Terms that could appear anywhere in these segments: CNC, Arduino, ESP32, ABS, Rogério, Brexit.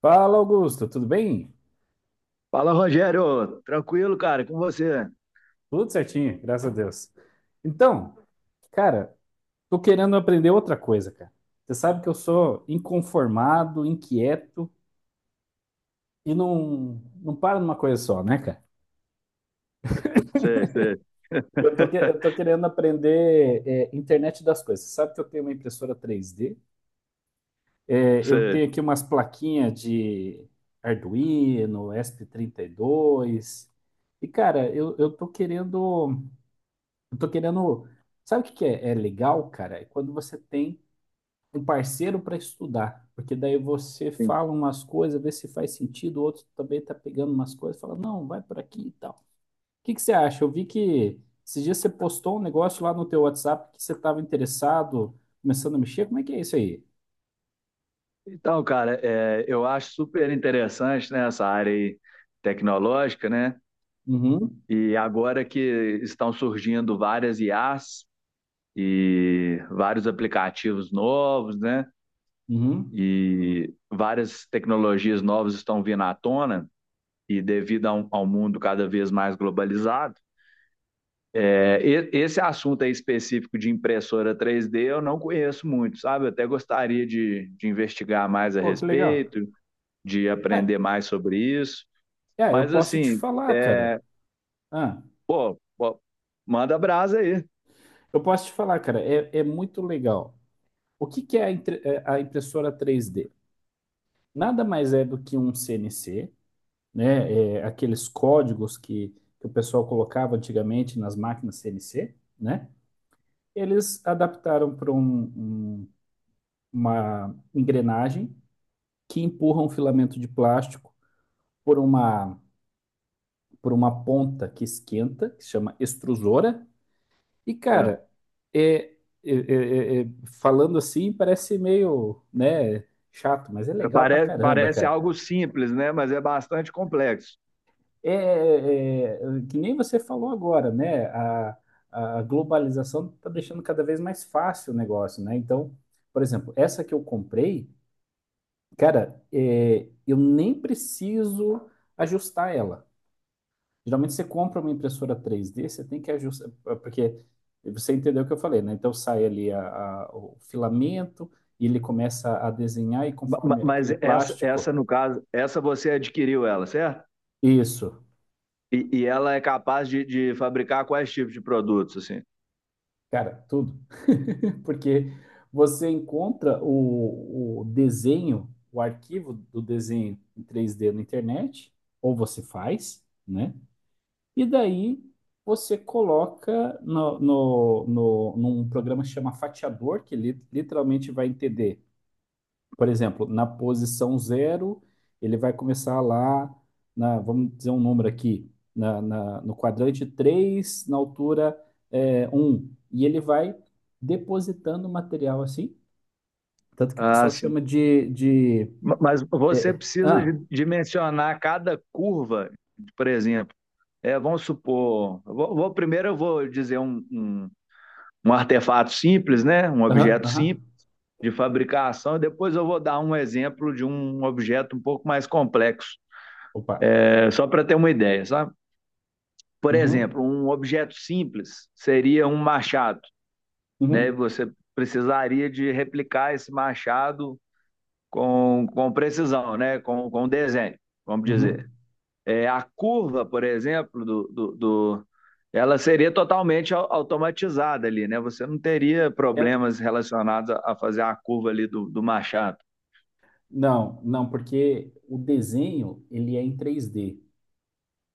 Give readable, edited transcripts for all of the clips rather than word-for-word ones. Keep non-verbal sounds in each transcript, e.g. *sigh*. Fala, Augusto, tudo bem? Fala, Rogério. Tranquilo, cara? Com você? Tudo certinho, graças a Deus. Então, cara, tô querendo aprender outra coisa, cara. Você sabe que eu sou inconformado, inquieto e não paro numa coisa só, né, cara? Sei, sei, Eu tô *laughs* querendo aprender internet das coisas. Você sabe que eu tenho uma impressora três d. É, eu sei. tenho aqui umas plaquinhas de Arduino, ESP32. Eu tô querendo. Eu tô querendo. Sabe o que que é, é legal, cara? É quando você tem um parceiro para estudar. Porque daí você Sim. fala umas coisas, vê se faz sentido, o outro também tá pegando umas coisas, fala, não, vai por aqui e tal. O que que você acha? Eu vi que esses dias você postou um negócio lá no teu WhatsApp que você estava interessado, começando a mexer. Como é que é isso aí? Então, cara, eu acho super interessante, né, essa área aí tecnológica, né? Uhum, E agora que estão surgindo várias IAs e vários aplicativos novos, né? uhum. E várias tecnologias novas estão vindo à tona e devido ao mundo cada vez mais globalizado. Esse assunto aí específico de impressora 3D eu não conheço muito, sabe? Eu até gostaria de investigar mais a Pô, que legal. respeito, de Ah, aprender mais sobre isso. Eu Mas posso te assim, falar, cara. é, Ah, pô, pô, manda brasa aí. eu posso te falar, cara. É, é muito legal. O que que é a, entre- é a impressora três d nada mais é do que um CNC, né? É, aqueles códigos que o pessoal colocava antigamente nas máquinas CNC, né? Eles adaptaram para uma engrenagem que empurra um filamento de plástico por uma, por uma ponta que esquenta, que se chama extrusora. E, É, cara, é, é- é- é- é- Falando assim, parece meio, né, chato, mas é legal pra Parece, caramba, parece cara. algo simples, né? Mas é bastante complexo. É, é, é, que nem você falou agora, né? A globalização está deixando cada vez mais fácil o negócio, né? Então, por exemplo, essa que eu comprei, cara, eu nem preciso ajustar ela. Geralmente você compra uma impressora 3D, você tem que ajustar, é, porque você entendeu o que eu falei, né? Então sai ali o filamento e ele começa a desenhar e conforme Mas aquele essa, plástico. essa, no caso, essa você adquiriu ela, certo? Isso. E ela é capaz de fabricar quais tipos de produtos, assim? Cara, tudo. *laughs* Porque você encontra o desenho, o arquivo do desenho em 3D na internet, ou você faz, né? E daí você coloca no, no, no, num programa que chama Fatiador, que literalmente vai entender por exemplo, na posição zero, ele vai começar lá, na, vamos dizer um número aqui, na, na- no quadrante 3 na altura 1. E ele vai depositando material assim, tanto que o Ah, pessoal sim. chama de Mas é, você é, precisa ah, dimensionar cada curva, por exemplo. Vamos supor, primeiro eu vou dizer um artefato simples, né? Um aham, objeto simples de fabricação, e depois eu vou dar um exemplo de um objeto um pouco mais complexo, opa, só para ter uma ideia, sabe? Por uhum, exemplo, um objeto simples seria um machado, né? uhum, Você precisaria de replicar esse machado com precisão, né? Com desenho, vamos uhum. dizer. A curva, por exemplo, ela seria totalmente automatizada ali, né? Você não teria Ela- problemas relacionados a fazer a curva ali do, do Machado. não, porque o desenho, ele é em três d.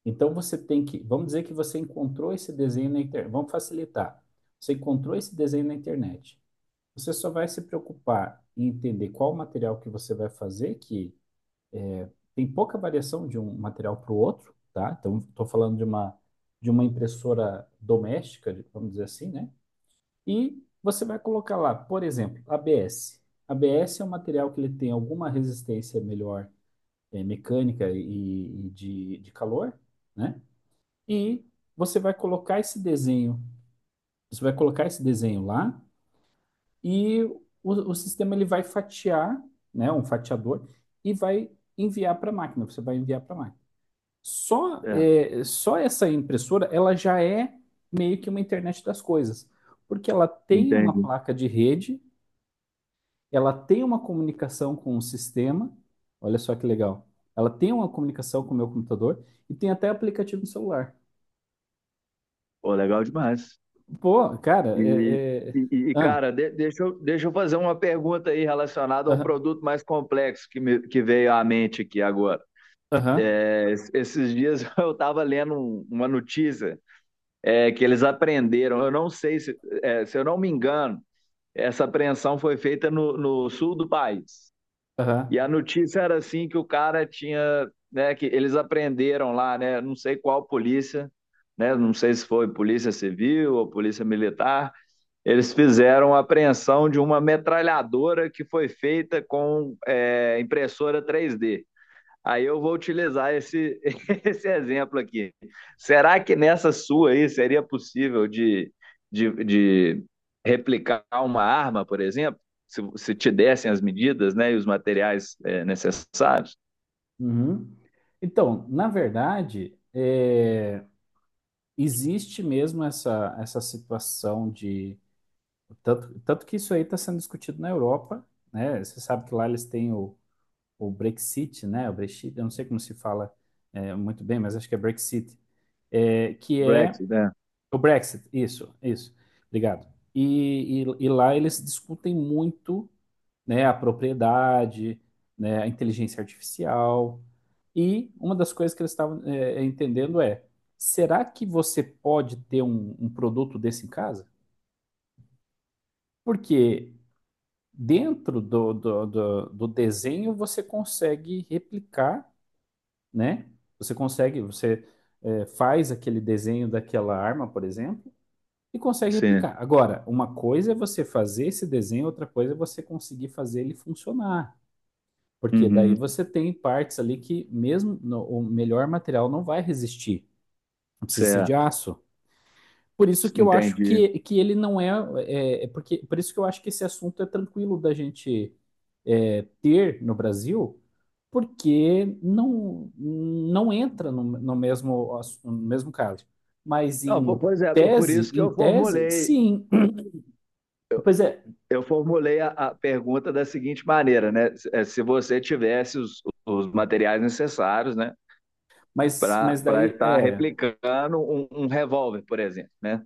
Então você tem que, vamos dizer que você encontrou esse desenho na internet, vamos facilitar. Você encontrou esse desenho na internet. Você só vai se preocupar em entender qual material que você vai fazer, que tem pouca variação de um material para o outro, tá? Então estou falando de uma impressora doméstica, vamos dizer assim, né? E você vai colocar lá, por exemplo, ABS. ABS é um material que ele tem alguma resistência melhor mecânica e de calor, né? E você vai colocar esse desenho, você vai colocar esse desenho lá e o sistema ele vai fatiar, né, um fatiador e vai enviar para a máquina. Você vai enviar para a máquina. É, Só essa impressora, ela já é meio que uma internet das coisas, porque ela tem uma entendi. placa de rede, ela tem uma comunicação com o sistema. Olha só que legal. Ela tem uma comunicação com o meu computador e tem até aplicativo no celular. Pô, legal demais. Pô, cara, E, e, e, Ah. cara, deixa eu fazer uma pergunta aí relacionada a um Aham, produto mais complexo que veio à mente aqui agora. aham, Esses dias *laughs* eu estava lendo uma notícia, que eles aprenderam, eu não sei se eu não me engano. Essa apreensão foi feita no sul do país. E aham, a notícia era assim que o cara tinha, né, que eles apreenderam lá, né, não sei qual polícia, né, não sei se foi polícia civil ou polícia militar, eles fizeram a apreensão de uma metralhadora que foi feita com impressora 3D. Aí eu vou utilizar esse, *laughs* esse exemplo aqui. Será que nessa sua aí seria possível de, de replicar uma arma, por exemplo? Se te dessem as medidas, né, e os materiais necessários? uhum. Então, na verdade, existe mesmo essa situação de. Tanto que isso aí está sendo discutido na Europa, né? Você sabe que lá eles têm o Brexit, né? O Brexit, eu não sei como se fala muito bem, mas acho que é Brexit, é, que é Brexit, né? o Brexit, isso, obrigado. E lá eles discutem muito, né, a propriedade, né, a inteligência artificial. E uma das coisas que eles estavam entendendo é: será que você pode ter um produto desse em casa? Porque dentro do desenho você consegue replicar, né? Você consegue, você faz aquele desenho daquela arma, por exemplo, e consegue Sim. replicar. Agora, uma coisa é você fazer esse desenho, outra coisa é você conseguir fazer ele funcionar. Porque daí Uhum. você tem partes ali que mesmo no- o melhor material não vai resistir. Não precisa ser de Certo. aço. Por isso que eu acho Entendi. Que ele não é, é, é porque Por isso que eu acho que esse assunto é tranquilo da gente ter no Brasil, porque não não entra no mesmo no mesmo caso. Mas Não, pois é, por isso que em eu tese, formulei, sim. Pois é, eu formulei a pergunta da seguinte maneira, né? Se você tivesse os materiais necessários, né? mas para daí estar é replicando um revólver, por exemplo, né?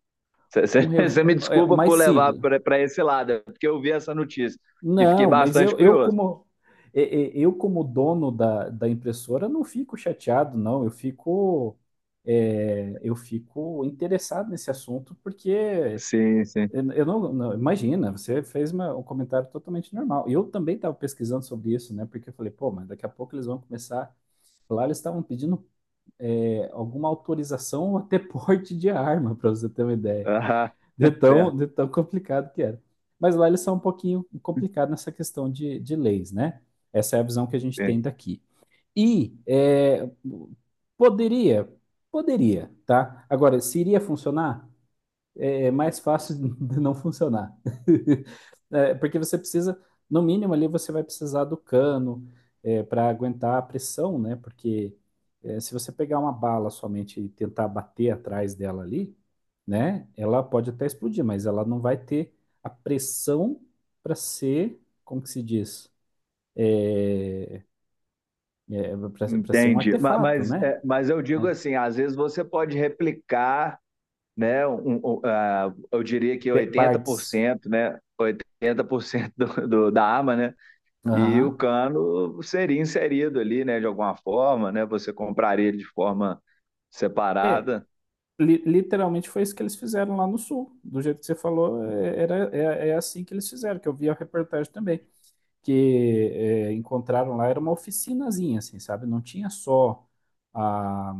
um Você *laughs* me é, o desculpa mais por levar simples. para esse lado, é porque eu vi essa notícia e fiquei Não, mas bastante eu curioso. como e- e- eu como dono da impressora não fico chateado, não. Eu fico eu fico interessado nesse assunto porque Sim, sim. Eu não, não- imagina, você fez um comentário totalmente normal. Eu também estava pesquisando sobre isso, né? Porque eu falei, pô, mas daqui a pouco eles vão começar. Lá eles estavam pedindo alguma autorização ou até *laughs* porte de arma, para você ter uma ideia. Aham, *laughs* certo. De tão complicado que era. Mas lá eles são um pouquinho complicados nessa questão de leis, né? Essa é a visão que a gente Sim. tem daqui. E é, poderia, poderia, tá? Agora, se iria funcionar? É mais fácil *laughs* de não funcionar. *laughs* É, porque você precisa, no mínimo ali, você vai precisar do cano para aguentar a pressão, né? Porque se você pegar uma bala somente e tentar bater atrás dela ali, né? Ela pode até explodir, mas ela não vai ter a pressão para ser, como que se diz? É, para ser um Entendi. Artefato, Mas, né? é, mas eu digo É. assim, às vezes você pode replicar, né? Ah, eu diria que Pe- oitenta por Partes. cento, né? 80% da arma, né? E o Aham. cano seria inserido ali, né? De alguma forma, né? Você compraria ele de forma É, separada, literalmente foi isso que eles fizeram lá no sul. Do jeito que você falou, é assim que eles fizeram, que eu vi a reportagem também. Que encontraram lá, era uma oficinazinha, assim, sabe? Não tinha só a,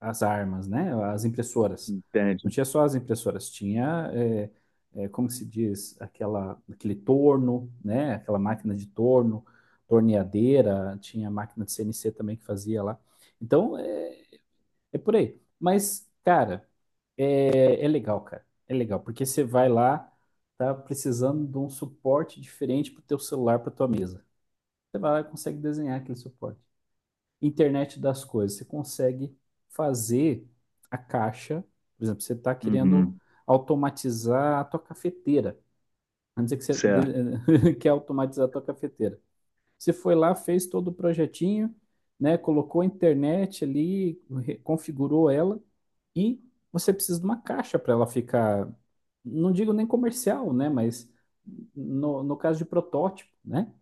as armas, né? As impressoras. Não entende? tinha só as impressoras, tinha, como se diz, aquele torno, né? Aquela máquina de torno, torneadeira, tinha máquina de CNC também que fazia lá. Então, é, é por aí. Mas, cara. É, é legal, cara. É legal, porque você vai lá, tá precisando de um suporte diferente para o teu celular, para tua mesa. Você vai lá e consegue desenhar aquele suporte. Internet das coisas, você consegue fazer a caixa, por exemplo, você está querendo Uhum, automatizar a tua cafeteira. Vamos dizer que certo. *laughs* Quer automatizar a tua cafeteira. Você foi lá, fez todo o projetinho, né? Colocou a internet ali, re- configurou ela e você precisa de uma caixa para ela ficar, não digo nem comercial, né? Mas no caso de protótipo, né?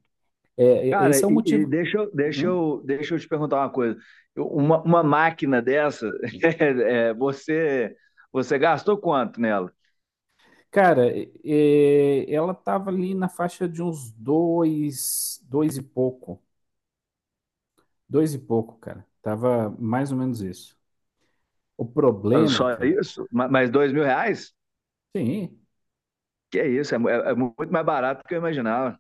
É, Cara, esse é o e motivo. deixa, eu- deixa, Uhum. eu, deixa eu te perguntar uma coisa. Uma máquina dessa, *laughs* é, é, você, você gastou quanto nela? Ela tava ali na faixa de uns dois, dois e pouco, cara. Tava mais ou menos isso. O Ah, problema, só cara, isso? Mais R$ 2.000? sim. Que é isso? É muito mais barato do que eu imaginava.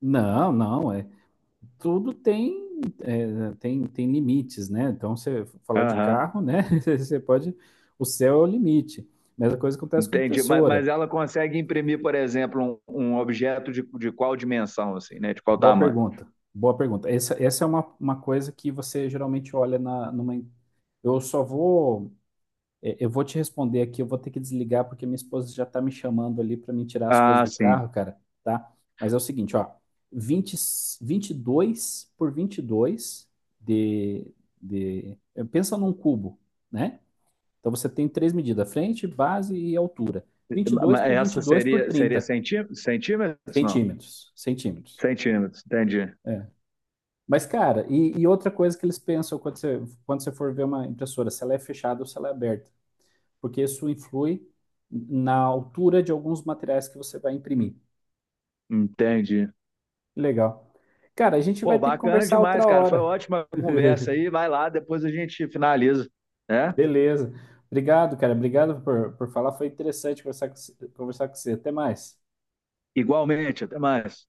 Não, não. é. Tudo tem, tem limites, né? Então, você falar de Aham. carro, né? *laughs* Você pode. O céu é o limite. Mesma coisa acontece com Entendi. Mas, impressora. mas ela consegue imprimir, por exemplo, um objeto de qual dimensão, assim, né? De qual Boa tamanho? pergunta. Boa pergunta. Essa é uma coisa que você geralmente olha na, numa. Eu só vou É, eu vou te responder aqui, eu vou ter que desligar porque minha esposa já está me chamando ali para me tirar as coisas Ah, do sim. carro, cara, tá? Mas é o seguinte, ó, vinte, 22 por 22 de, pensa num cubo, né? Então você tem três medidas, frente, base e altura. Vinte e dois por vinte Essa e dois por seria 30 centímetros, não? centímetros, centímetros. Centímetros, entendi. É. Mas, cara, e outra coisa que eles pensam quando você for ver uma impressora, se ela é fechada ou se ela é aberta, porque isso influi na altura de alguns materiais que você vai imprimir. Entendi. Legal. Cara, a gente Pô, vai ter que bacana conversar demais, outra cara. Foi hora. ótima a conversa aí. *laughs* Vai lá, depois a gente finaliza, né? Beleza. Obrigado, cara. Obrigado por falar. Foi interessante conversar com você. Até mais. Igualmente, até mais.